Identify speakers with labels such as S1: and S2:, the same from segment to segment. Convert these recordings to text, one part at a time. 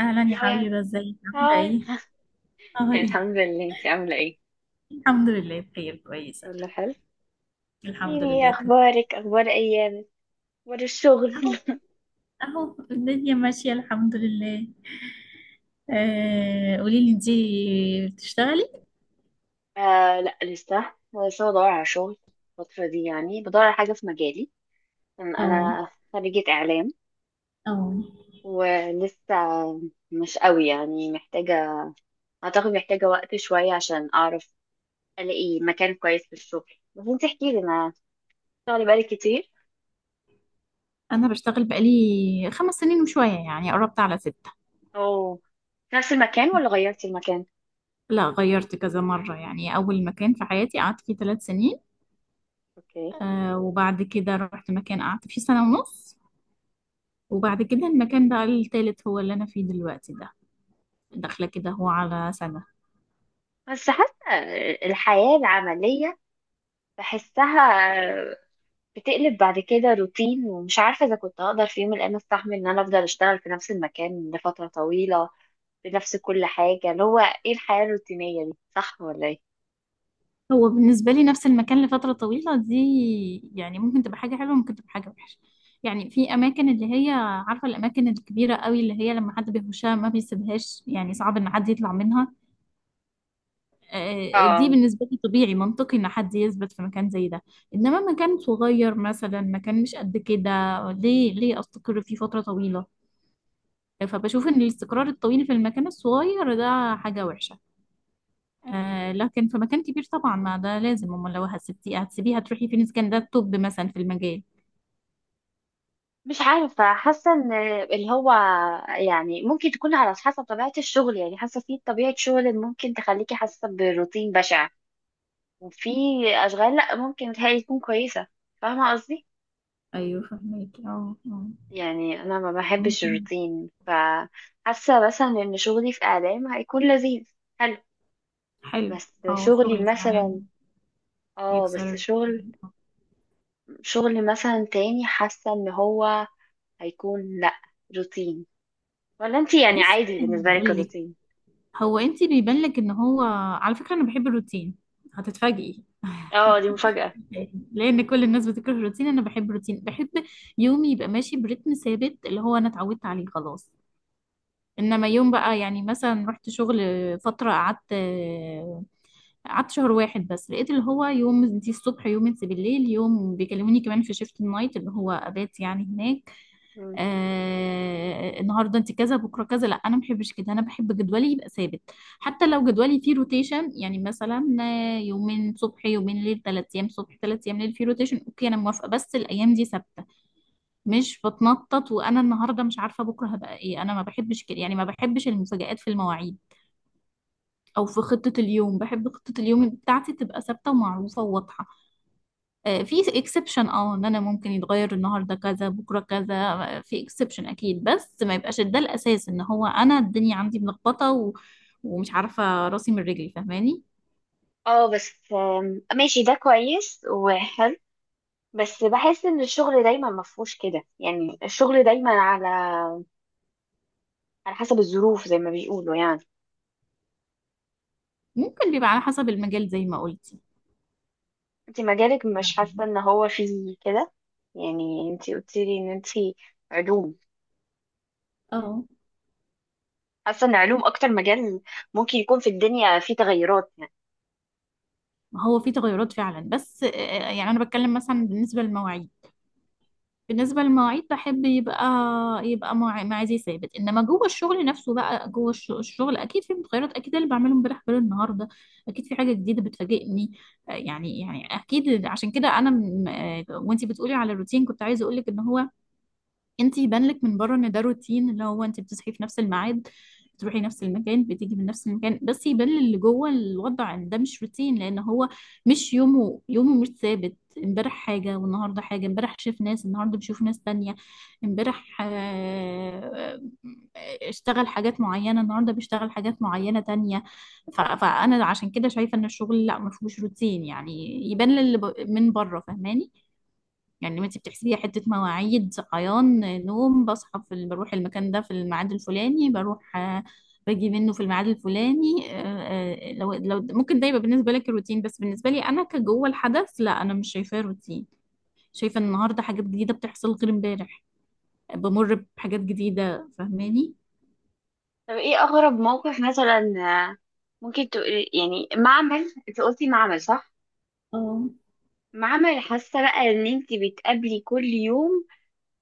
S1: اهلا يا
S2: هاي.
S1: حبيبه، ازيك؟ عامله
S2: هاي
S1: ايه؟ اهي.
S2: الحمد لله، انت عامله ايه؟
S1: الحمد لله بخير كويسه.
S2: كله حلو.
S1: الحمد
S2: يعني ايه
S1: لله كنت
S2: اخبارك؟ اخبار ايامك، اخبار الشغل.
S1: اهو. اهو الدنيا ماشيه الحمد لله. آه قولي لي، انتي بتشتغلي؟
S2: لا، لسه. لسه بدور على شغل. الفتره دي يعني بدور على حاجه في مجالي، ان
S1: اه
S2: انا خريجه اعلام.
S1: اه.
S2: ولسه مش قوي يعني محتاجه. اعتقد محتاجه وقت شويه عشان اعرف الاقي مكان كويس في الشغل. بس انت احكي لي، انا شغلي بقالي كتير.
S1: انا بشتغل بقالي خمس سنين وشويه، يعني قربت على ستة.
S2: او في نفس المكان ولا غيرتي المكان؟
S1: لا، غيرت كذا مرة، يعني أول مكان في حياتي قعدت فيه ثلاث سنين.
S2: اوكي.
S1: آه وبعد كده رحت مكان قعدت فيه سنة ونص. وبعد كده المكان بقى التالت هو اللي أنا فيه دلوقتي ده. داخلة كده هو على سنة.
S2: بس حاسة الحياة العملية بحسها بتقلب بعد كده روتين، ومش عارفة إذا كنت هقدر في يوم من الأيام أستحمل إن أنا أفضل أشتغل في نفس المكان لفترة طويلة، بنفس كل حاجة. اللي هو إيه الحياة الروتينية دي، صح ولا إيه؟
S1: هو بالنسبة لي نفس المكان لفترة طويلة دي، يعني ممكن تبقى حاجة حلوة، ممكن تبقى حاجة وحشة. يعني في أماكن اللي هي، عارفة الأماكن الكبيرة قوي اللي هي لما حد بيخشها ما بيسيبهاش، يعني صعب إن حد يطلع منها. آه، دي
S2: اه.
S1: بالنسبة لي طبيعي منطقي إن حد يثبت في مكان زي ده. إنما مكان صغير مثلا، مكان مش قد كده، ليه ليه أستقر فيه فترة طويلة؟ فبشوف إن الاستقرار الطويل في المكان الصغير ده حاجة وحشة. آه لكن في مكان كبير طبعا، ما ده لازم، امال لو هتسيبتي هتسيبيها تروحي فين اذا كان ده الطب مثلا في المجال.
S2: مش عارفة، حاسة إن اللي هو يعني ممكن تكون على حسب طبيعة الشغل. يعني حاسة في طبيعة شغل ممكن تخليكي حاسة بروتين بشع، وفي أشغال لأ، ممكن تهيألي تكون كويسة. فاهمة قصدي؟
S1: ايوه فهميكي اه.
S2: يعني انا ما بحبش
S1: ممكن.
S2: الروتين، فحاسه مثلا ان شغلي في اعلام هيكون لذيذ. حلو.
S1: حلو.
S2: بس
S1: اه
S2: شغلي
S1: شغل في
S2: مثلا،
S1: الإعلام
S2: اه بس
S1: يكسر
S2: شغل.
S1: آه.
S2: شغل مثلا تاني حاسه ان هو هيكون لا روتين. ولا انتي يعني
S1: بصي
S2: عادي بالنسبه
S1: انا
S2: لك
S1: هقول لك،
S2: الروتين؟
S1: هو انت بيبان لك ان هو، على فكره انا بحب الروتين، هتتفاجئي
S2: اه دي مفاجاه.
S1: لان كل الناس بتكره الروتين، انا بحب الروتين، بحب يومي يبقى ماشي برتم ثابت اللي هو انا اتعودت عليه خلاص. انما يوم بقى، يعني مثلا رحت شغل فتره، قعدت شهر واحد بس، لقيت اللي هو يوم انتي الصبح، يوم انتي بالليل، يوم بيكلموني كمان في شيفت النايت اللي هو ابات يعني هناك.
S2: مم.
S1: آه النهارده انتي كذا بكره كذا، لا انا ما بحبش كده، انا بحب جدولي يبقى ثابت. حتى لو جدولي فيه روتيشن، يعني مثلا، آه، يومين صبح يومين ليل، ثلاث ايام صبح ثلاث ايام ليل، فيه روتيشن اوكي، انا موافقه، بس الايام دي ثابته، مش بتنطط. وانا النهارده مش عارفه بكره هبقى ايه، انا ما بحبش كده، يعني ما بحبش المفاجآت في المواعيد او في خطة اليوم، بحب خطة اليوم بتاعتي تبقى ثابتة ومعروفة وواضحة. آه، في اكسبشن، اه ان انا ممكن يتغير النهاردة كذا بكرة كذا، آه، في اكسبشن اكيد، بس ما يبقاش ده الاساس ان هو انا الدنيا عندي ملخبطة ومش عارفة راسي من رجلي، فاهماني؟
S2: اه بس ماشي، ده كويس وحلو. بس بحس ان الشغل دايما مفهوش كده. يعني الشغل دايما على على حسب الظروف زي ما بيقولوا يعني.
S1: ممكن بيبقى على حسب المجال زي ما قلتي.
S2: انت مجالك مش حاسة
S1: يعني
S2: ان هو فيه كده؟ يعني انت قلتيلي ان انت علوم.
S1: اه
S2: حاسة ان علوم اكتر مجال ممكن يكون في الدنيا فيه تغيرات يعني.
S1: ما هو في تغيرات فعلا، بس آه، يعني انا بتكلم مثلا بالنسبة للمواعيد، بالنسبة للمواعيد بحب يبقى ميعادي ثابت، انما جوه الشغل نفسه بقى، جوه الشغل اكيد في متغيرات، اكيد اللي بعمله امبارح غير النهارده، اكيد في حاجة جديدة بتفاجئني. آه، يعني يعني اكيد عشان كده انا م- آه، وانتي بتقولي على الروتين، كنت عايزة اقولك ان هو، انت يبان لك من بره ان ده روتين، اللي هو انت بتصحي في نفس الميعاد، بتروحي نفس المكان، بتيجي من نفس المكان، بس يبان اللي جوه الوضع ان ده مش روتين، لان هو مش يومه يومه، مش ثابت. امبارح حاجه والنهارده حاجه، امبارح شاف ناس النهارده بيشوف ناس تانية، امبارح آه، آه، اشتغل حاجات معينه النهارده بيشتغل حاجات معينه تانية. فانا عشان كده شايفه ان الشغل لا ما فيهوش روتين يعني، يبان للي من بره، فاهماني؟ يعني ما انت بتحسبيها حته مواعيد صحيان نوم، بصحى بروح المكان ده في الميعاد الفلاني، بروح آه، باجي منه في الميعاد الفلاني، آه، آه، لو ممكن ده يبقى بالنسبه لك روتين، بس بالنسبه لي انا كجوه الحدث لا، انا مش شايفاه روتين، شايفه ان النهارده حاجات جديده بتحصل غير امبارح، بمر بحاجات جديده، فاهماني؟
S2: طب ايه اغرب موقف مثلا، آه، ممكن تقولي؟ يعني معمل، انت قلتي معمل صح؟
S1: اه
S2: معمل. حاسة بقى ان انت بتقابلي كل يوم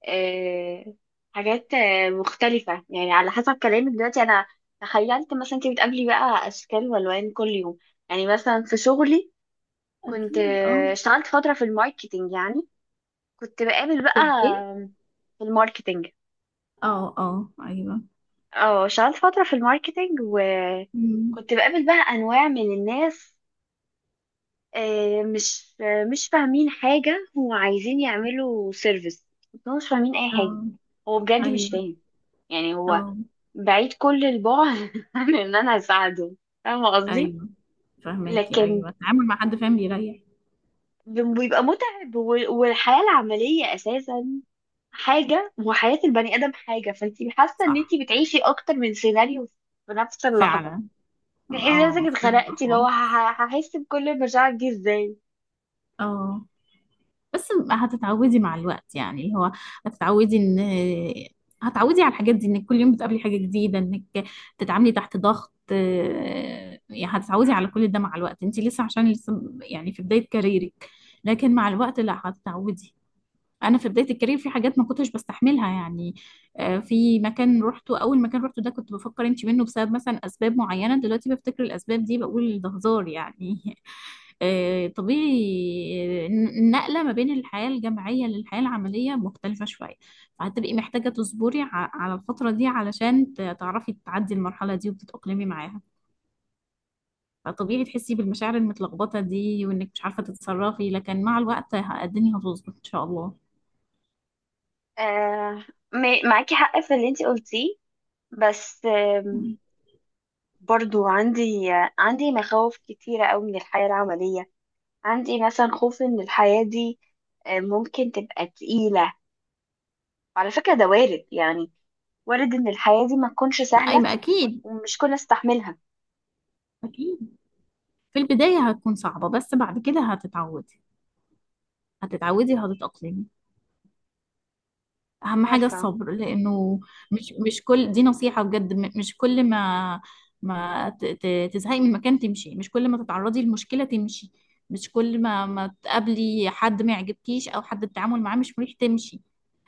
S2: آه، حاجات مختلفة. يعني على حسب كلامك دلوقتي، انا تخيلت مثلا انت بتقابلي بقى اشكال والوان كل يوم. يعني مثلا في شغلي كنت
S1: اكيد. اه.
S2: اشتغلت فترة في الماركتينج يعني. كنت بقابل
S1: في
S2: بقى،
S1: الايه؟
S2: في الماركتينج.
S1: اه اه ايوه
S2: اه اشتغلت فترة في الماركتينج
S1: مم.
S2: وكنت بقابل بقى أنواع من الناس، مش فاهمين حاجة وعايزين يعملوا سيرفيس. بس هو مش فاهمين أي حاجة.
S1: اه
S2: هو بجد مش
S1: ايوه
S2: فاهم. يعني هو
S1: اه
S2: بعيد كل البعد عن إن أنا أساعده. فاهمة قصدي؟
S1: ايوه فاهماكي
S2: لكن
S1: ايوه التعامل مع حد فاهم بيريح
S2: بيبقى متعب. والحياة العملية أساسا حاجة، وحياة البني آدم حاجة. فانتي حاسة ان
S1: صح
S2: انتي بتعيشي اكتر من سيناريو في نفس اللحظة.
S1: فعلا
S2: تحسي
S1: اه
S2: نفسك
S1: مختلفة
S2: اتخنقتي، اللي هو
S1: خالص
S2: هحس بكل المشاعر دي ازاي؟
S1: اه بس هتتعودي مع الوقت يعني اللي هو هتتعودي ان هتعودي على الحاجات دي انك كل يوم بتقابلي حاجة جديدة انك تتعاملي تحت ضغط آه، يعني هتتعودي على كل ده مع الوقت انت لسه عشان لسه يعني في بداية كاريرك لكن مع الوقت لا هتتعودي انا في بدايه الكارير في حاجات ما كنتش بستحملها يعني آه، في مكان روحته اول مكان روحته ده كنت بفكر امشي منه بسبب مثلا اسباب معينه دلوقتي بفتكر الاسباب دي بقول ده هزار يعني آه، طبيعي آه، النقله ما بين الحياه الجامعيه للحياه العمليه مختلفه شويه فهتبقي محتاجه تصبري ع- على الفتره دي، علشان تعرفي تعدي المرحله دي وتتاقلمي معاها. فطبيعي تحسي بالمشاعر المتلخبطه دي وانك مش عارفه تتصرفي، لكن مع الوقت الدنيا هتظبط ان شاء الله.
S2: آه. معاكي حق في اللي انتي قلتيه، بس برضو عندي، عندي مخاوف كتيرة قوي من الحياة العملية. عندي مثلا خوف ان الحياة دي ممكن تبقى تقيلة. على فكرة ده وارد يعني، وارد ان الحياة دي ما تكونش
S1: ما- اي
S2: سهلة
S1: ما اكيد.
S2: ومش كلنا نستحملها.
S1: اكيد في البداية هتكون صعبة، بس بعد كده هتتعودي، هتتعودي وهتتأقلمي. اهم حاجة
S2: عارفة،
S1: الصبر لانه، مش كل دي نصيحة بجد، مش كل ما تزهقي من مكان تمشي، مش كل ما تتعرضي لمشكلة تمشي، مش كل ما تقابلي حد ما يعجبكيش او حد التعامل معاه مش مريح تمشي،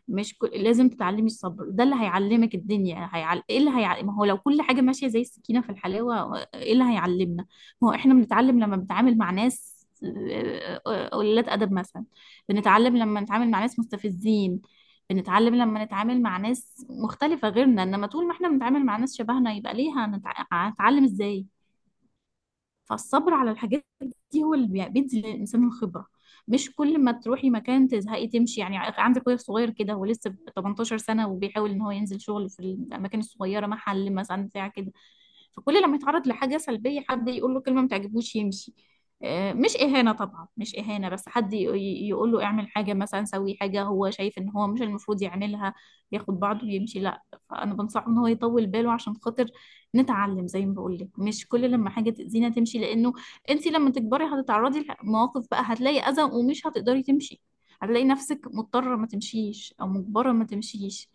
S1: مش كل... لازم تتعلمي الصبر، ده اللي هيعلمك الدنيا، هيعل... ايه اللي هيعلم؟ ما هو لو كل حاجة ماشية زي السكينة في الحلاوة، ايه اللي هيعلمنا؟ ما هو احنا بنتعلم لما بنتعامل مع ناس آه، آه، قليلات ادب مثلا، بنتعلم لما نتعامل مع ناس مستفزين، بنتعلم لما نتعامل مع ناس مختلفة غيرنا، انما طول ما احنا بنتعامل مع ناس شبهنا، يبقى ليه هنتعلم ازاي؟ فالصبر على الحاجات دي هو اللي بيدي للإنسان الخبرة. مش كل ما تروحي مكان تزهقي تمشي، يعني عندك اخويا صغير كده هو لسه 18 سنة وبيحاول ان هو ينزل شغل في الأماكن الصغيرة، محل مثلا بتاع كده. فكل لما يتعرض لحاجة سلبية حد يقول له كلمة ما تعجبوش يمشي، آه، مش إهانة طبعا مش إهانة، بس حد يقول له اعمل حاجة مثلا، سوي حاجة هو شايف إن هو مش المفروض يعملها، ياخد بعضه ويمشي، لا. فأنا بنصحه إن هو يطول باله عشان خاطر نتعلم، زي ما بقول لك مش كل لما حاجة تأذينا تمشي، لأنه أنت لما تكبري هتتعرضي لمواقف بقى، هتلاقي أذى ومش هتقدري تمشي، هتلاقي نفسك مضطرة ما تمشيش أو مجبرة ما تمشيش.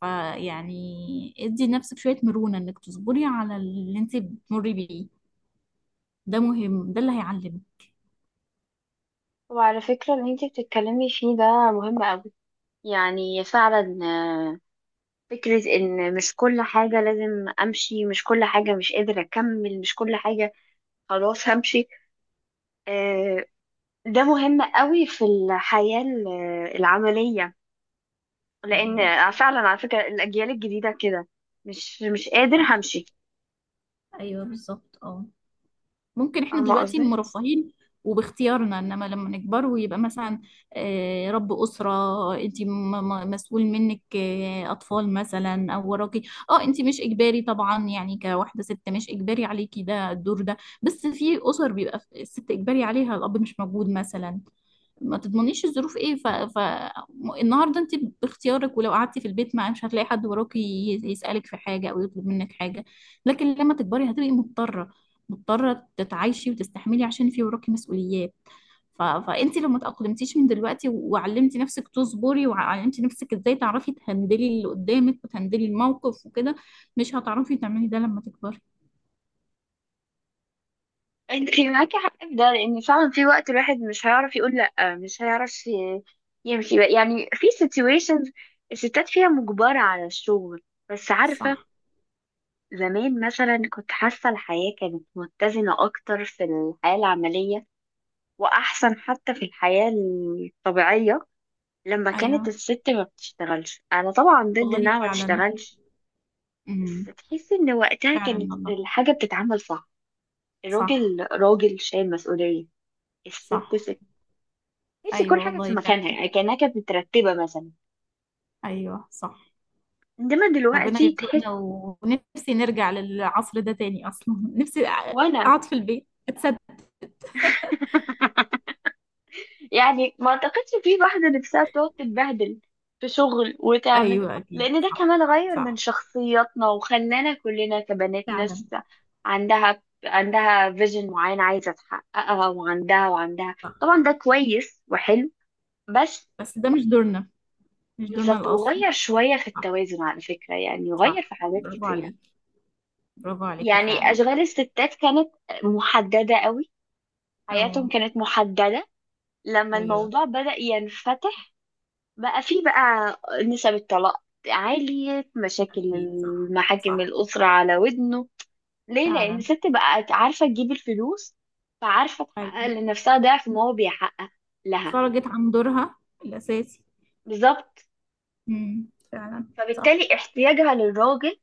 S1: فيعني ادي لنفسك شوية مرونة انك تصبري على اللي انت بتمري بيه، ده مهم، ده اللي هيعلمك.
S2: وعلى فكرة اللي انتي بتتكلمي فيه ده مهم قوي. يعني فعلا فكرة ان مش كل حاجة لازم امشي، مش كل حاجة مش قادرة اكمل، مش كل حاجة خلاص همشي. آه، ده مهم قوي في الحياة العملية. لان
S1: ايوه
S2: فعلا على فكرة الاجيال الجديدة كده مش مش قادر
S1: صح.
S2: همشي.
S1: ايوه بالظبط اه. ممكن احنا
S2: فاهمة
S1: دلوقتي
S2: قصدي.
S1: مرفهين وباختيارنا، انما لما نكبر ويبقى مثلا، آه، رب اسره، انت مسؤول منك آه، اطفال مثلا او وراكي. اه انت مش اجباري طبعا، يعني كواحده ست مش اجباري عليكي ده الدور ده، بس في اسر بيبقى الست اجباري عليها، الاب مش موجود مثلا، ما تضمنيش الظروف ايه النهارده انت باختيارك، ولو قعدتي في البيت مع مش هتلاقي حد وراكي يسألك في حاجه او يطلب منك حاجه، لكن لما تكبري هتبقي مضطره، مضطره تتعايشي وتستحملي عشان في وراكي مسؤوليات. فانت لو ما تأقلمتيش من دلوقتي وعلمتي نفسك تصبري، وعلمتي نفسك ازاي تعرفي تهندلي اللي قدامك وتهندلي الموقف وكده، مش هتعرفي تعملي ده لما تكبري.
S2: انت معاكي حق في ده، لان فعلا في وقت الواحد مش هيعرف يقول لا، مش هيعرف يمشي بقى. يعني في situations الستات فيها مجبرة على الشغل. بس عارفة،
S1: صح
S2: زمان مثلا كنت حاسة الحياة كانت متزنة اكتر في الحياة العملية، واحسن حتى في الحياة الطبيعية، لما كانت
S1: ايوه
S2: الست ما بتشتغلش. انا طبعا ضد
S1: والله
S2: انها ما
S1: فعلا.
S2: تشتغلش، بس
S1: امم
S2: تحسي ان وقتها
S1: فعلا
S2: كانت
S1: والله.
S2: الحاجة بتتعمل صح.
S1: صح
S2: الراجل راجل شايل مسؤولية، الست
S1: صح.
S2: ست. تحسي
S1: ايوه
S2: كل حاجة في
S1: والله
S2: مكانها،
S1: فعلا.
S2: يعني كأنها كانت مترتبة مثلا.
S1: ايوه صح.
S2: إنما
S1: ربنا
S2: دلوقتي تحس.
S1: يرزقنا ونفسي نرجع للعصر ده تاني اصلا نفسي
S2: وأنا
S1: اقعد في البيت اتثبت.
S2: يعني ما أعتقدش في واحدة نفسها بتقعد تتبهدل في شغل وتعمل.
S1: ايوه اكيد
S2: لأن ده
S1: صح
S2: كمان غير من
S1: صح
S2: شخصياتنا وخلانا كلنا كبنات
S1: فعلا.
S2: ناس عندها فيجن معين عايزة تحققها، وعندها.
S1: صح
S2: طبعا ده كويس وحلو، بس.
S1: بس ده مش دورنا، مش دورنا
S2: بالظبط،
S1: الاصلي.
S2: وغير شوية في
S1: صح
S2: التوازن على فكرة. يعني غير
S1: صح
S2: في حاجات
S1: برافو
S2: كتير.
S1: عليكي، برافو عليكي
S2: يعني
S1: فعلا.
S2: أشغال الستات كانت محددة قوي، حياتهم
S1: اه
S2: كانت محددة. لما
S1: ايوه
S2: الموضوع بدأ ينفتح بقى فيه بقى نسب الطلاق عالية، مشاكل
S1: اكيد صح
S2: المحاكم
S1: صح
S2: الأسرة على ودنه. ليه؟ لأن
S1: فعلا.
S2: الست بقت عارفة تجيب الفلوس، فعارفة تحقق
S1: ايوه
S2: لنفسها ضعف ما هو بيحقق لها.
S1: خرجت عن دورها الاساسي.
S2: بالظبط.
S1: فعلا صح.
S2: فبالتالي احتياجها للراجل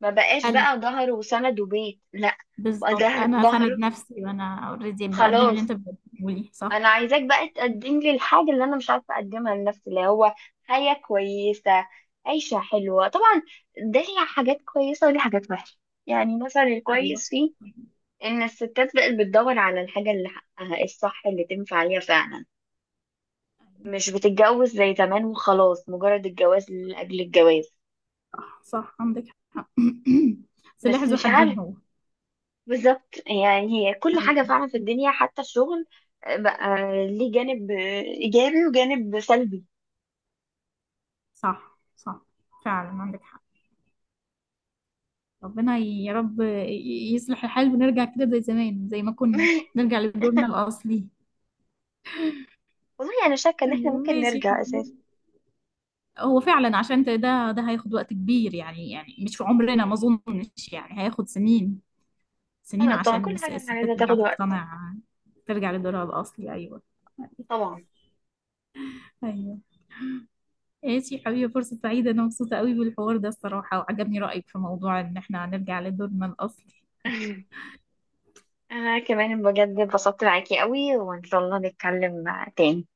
S2: ما بقاش
S1: حلو
S2: بقى ظهر وسند وبيت، لا. بقى
S1: بالظبط،
S2: ده
S1: انا اسند
S2: ظهر.
S1: نفسي وانا اوريدي بقدم اللي
S2: خلاص.
S1: انت بتقوليه صح.
S2: انا عايزاك بقى تقدم لي الحاجه اللي انا مش عارفه اقدمها لنفسي، اللي هو حياه كويسه، عيشه حلوه. طبعا ده ليها حاجات كويسه وليها حاجات وحشه. يعني مثلا
S1: ايوه.
S2: الكويس فيه ان الستات بقت بتدور على الحاجه اللي حقها الصح، اللي تنفع عليها فعلا، مش بتتجوز زي زمان وخلاص مجرد الجواز لاجل الجواز.
S1: صح عندك حق سلاح
S2: بس
S1: ذو
S2: مش عارف.
S1: حدين هو.
S2: بالظبط. يعني هي كل حاجه
S1: أيوة.
S2: فعلا في الدنيا حتى الشغل بقى ليه جانب ايجابي وجانب سلبي.
S1: صح صح فعلا عندك حق. ربنا يا رب يصلح الحال ونرجع كده زي زمان زي ما كنا، نرجع لدورنا الأصلي.
S2: والله انا يعني شاكه ان احنا
S1: أيوة
S2: ممكن
S1: ماشي يا
S2: نرجع اساسا.
S1: حبيبي، هو فعلا عشان ده هياخد وقت كبير، يعني يعني مش في عمرنا ما أظنش يعني، هياخد سنين سنين
S2: انا طبعا
S1: عشان
S2: كل حاجه انا
S1: الستات
S2: عايزه
S1: ترجع
S2: تاخد وقت.
S1: تقتنع، ترجع لدورها الأصلي. أيوة.
S2: طبعا.
S1: أيوة ماشي حبيبي، فرصة سعيدة، أنا مبسوطة قوي بالحوار ده الصراحة، وعجبني رأيك في موضوع إن احنا هنرجع لدورنا الأصلي.
S2: انا كمان بجد اتبسطت معاكي قوي، وان شاء الله نتكلم تاني.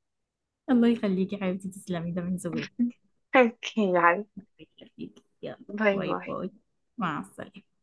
S1: الله يخليكي حبيبتي، تسلمي، ده من زواج.
S2: اوكي يلا،
S1: الله يخليكي، يلا
S2: باي
S1: باي
S2: باي.
S1: باي. مع السلامة.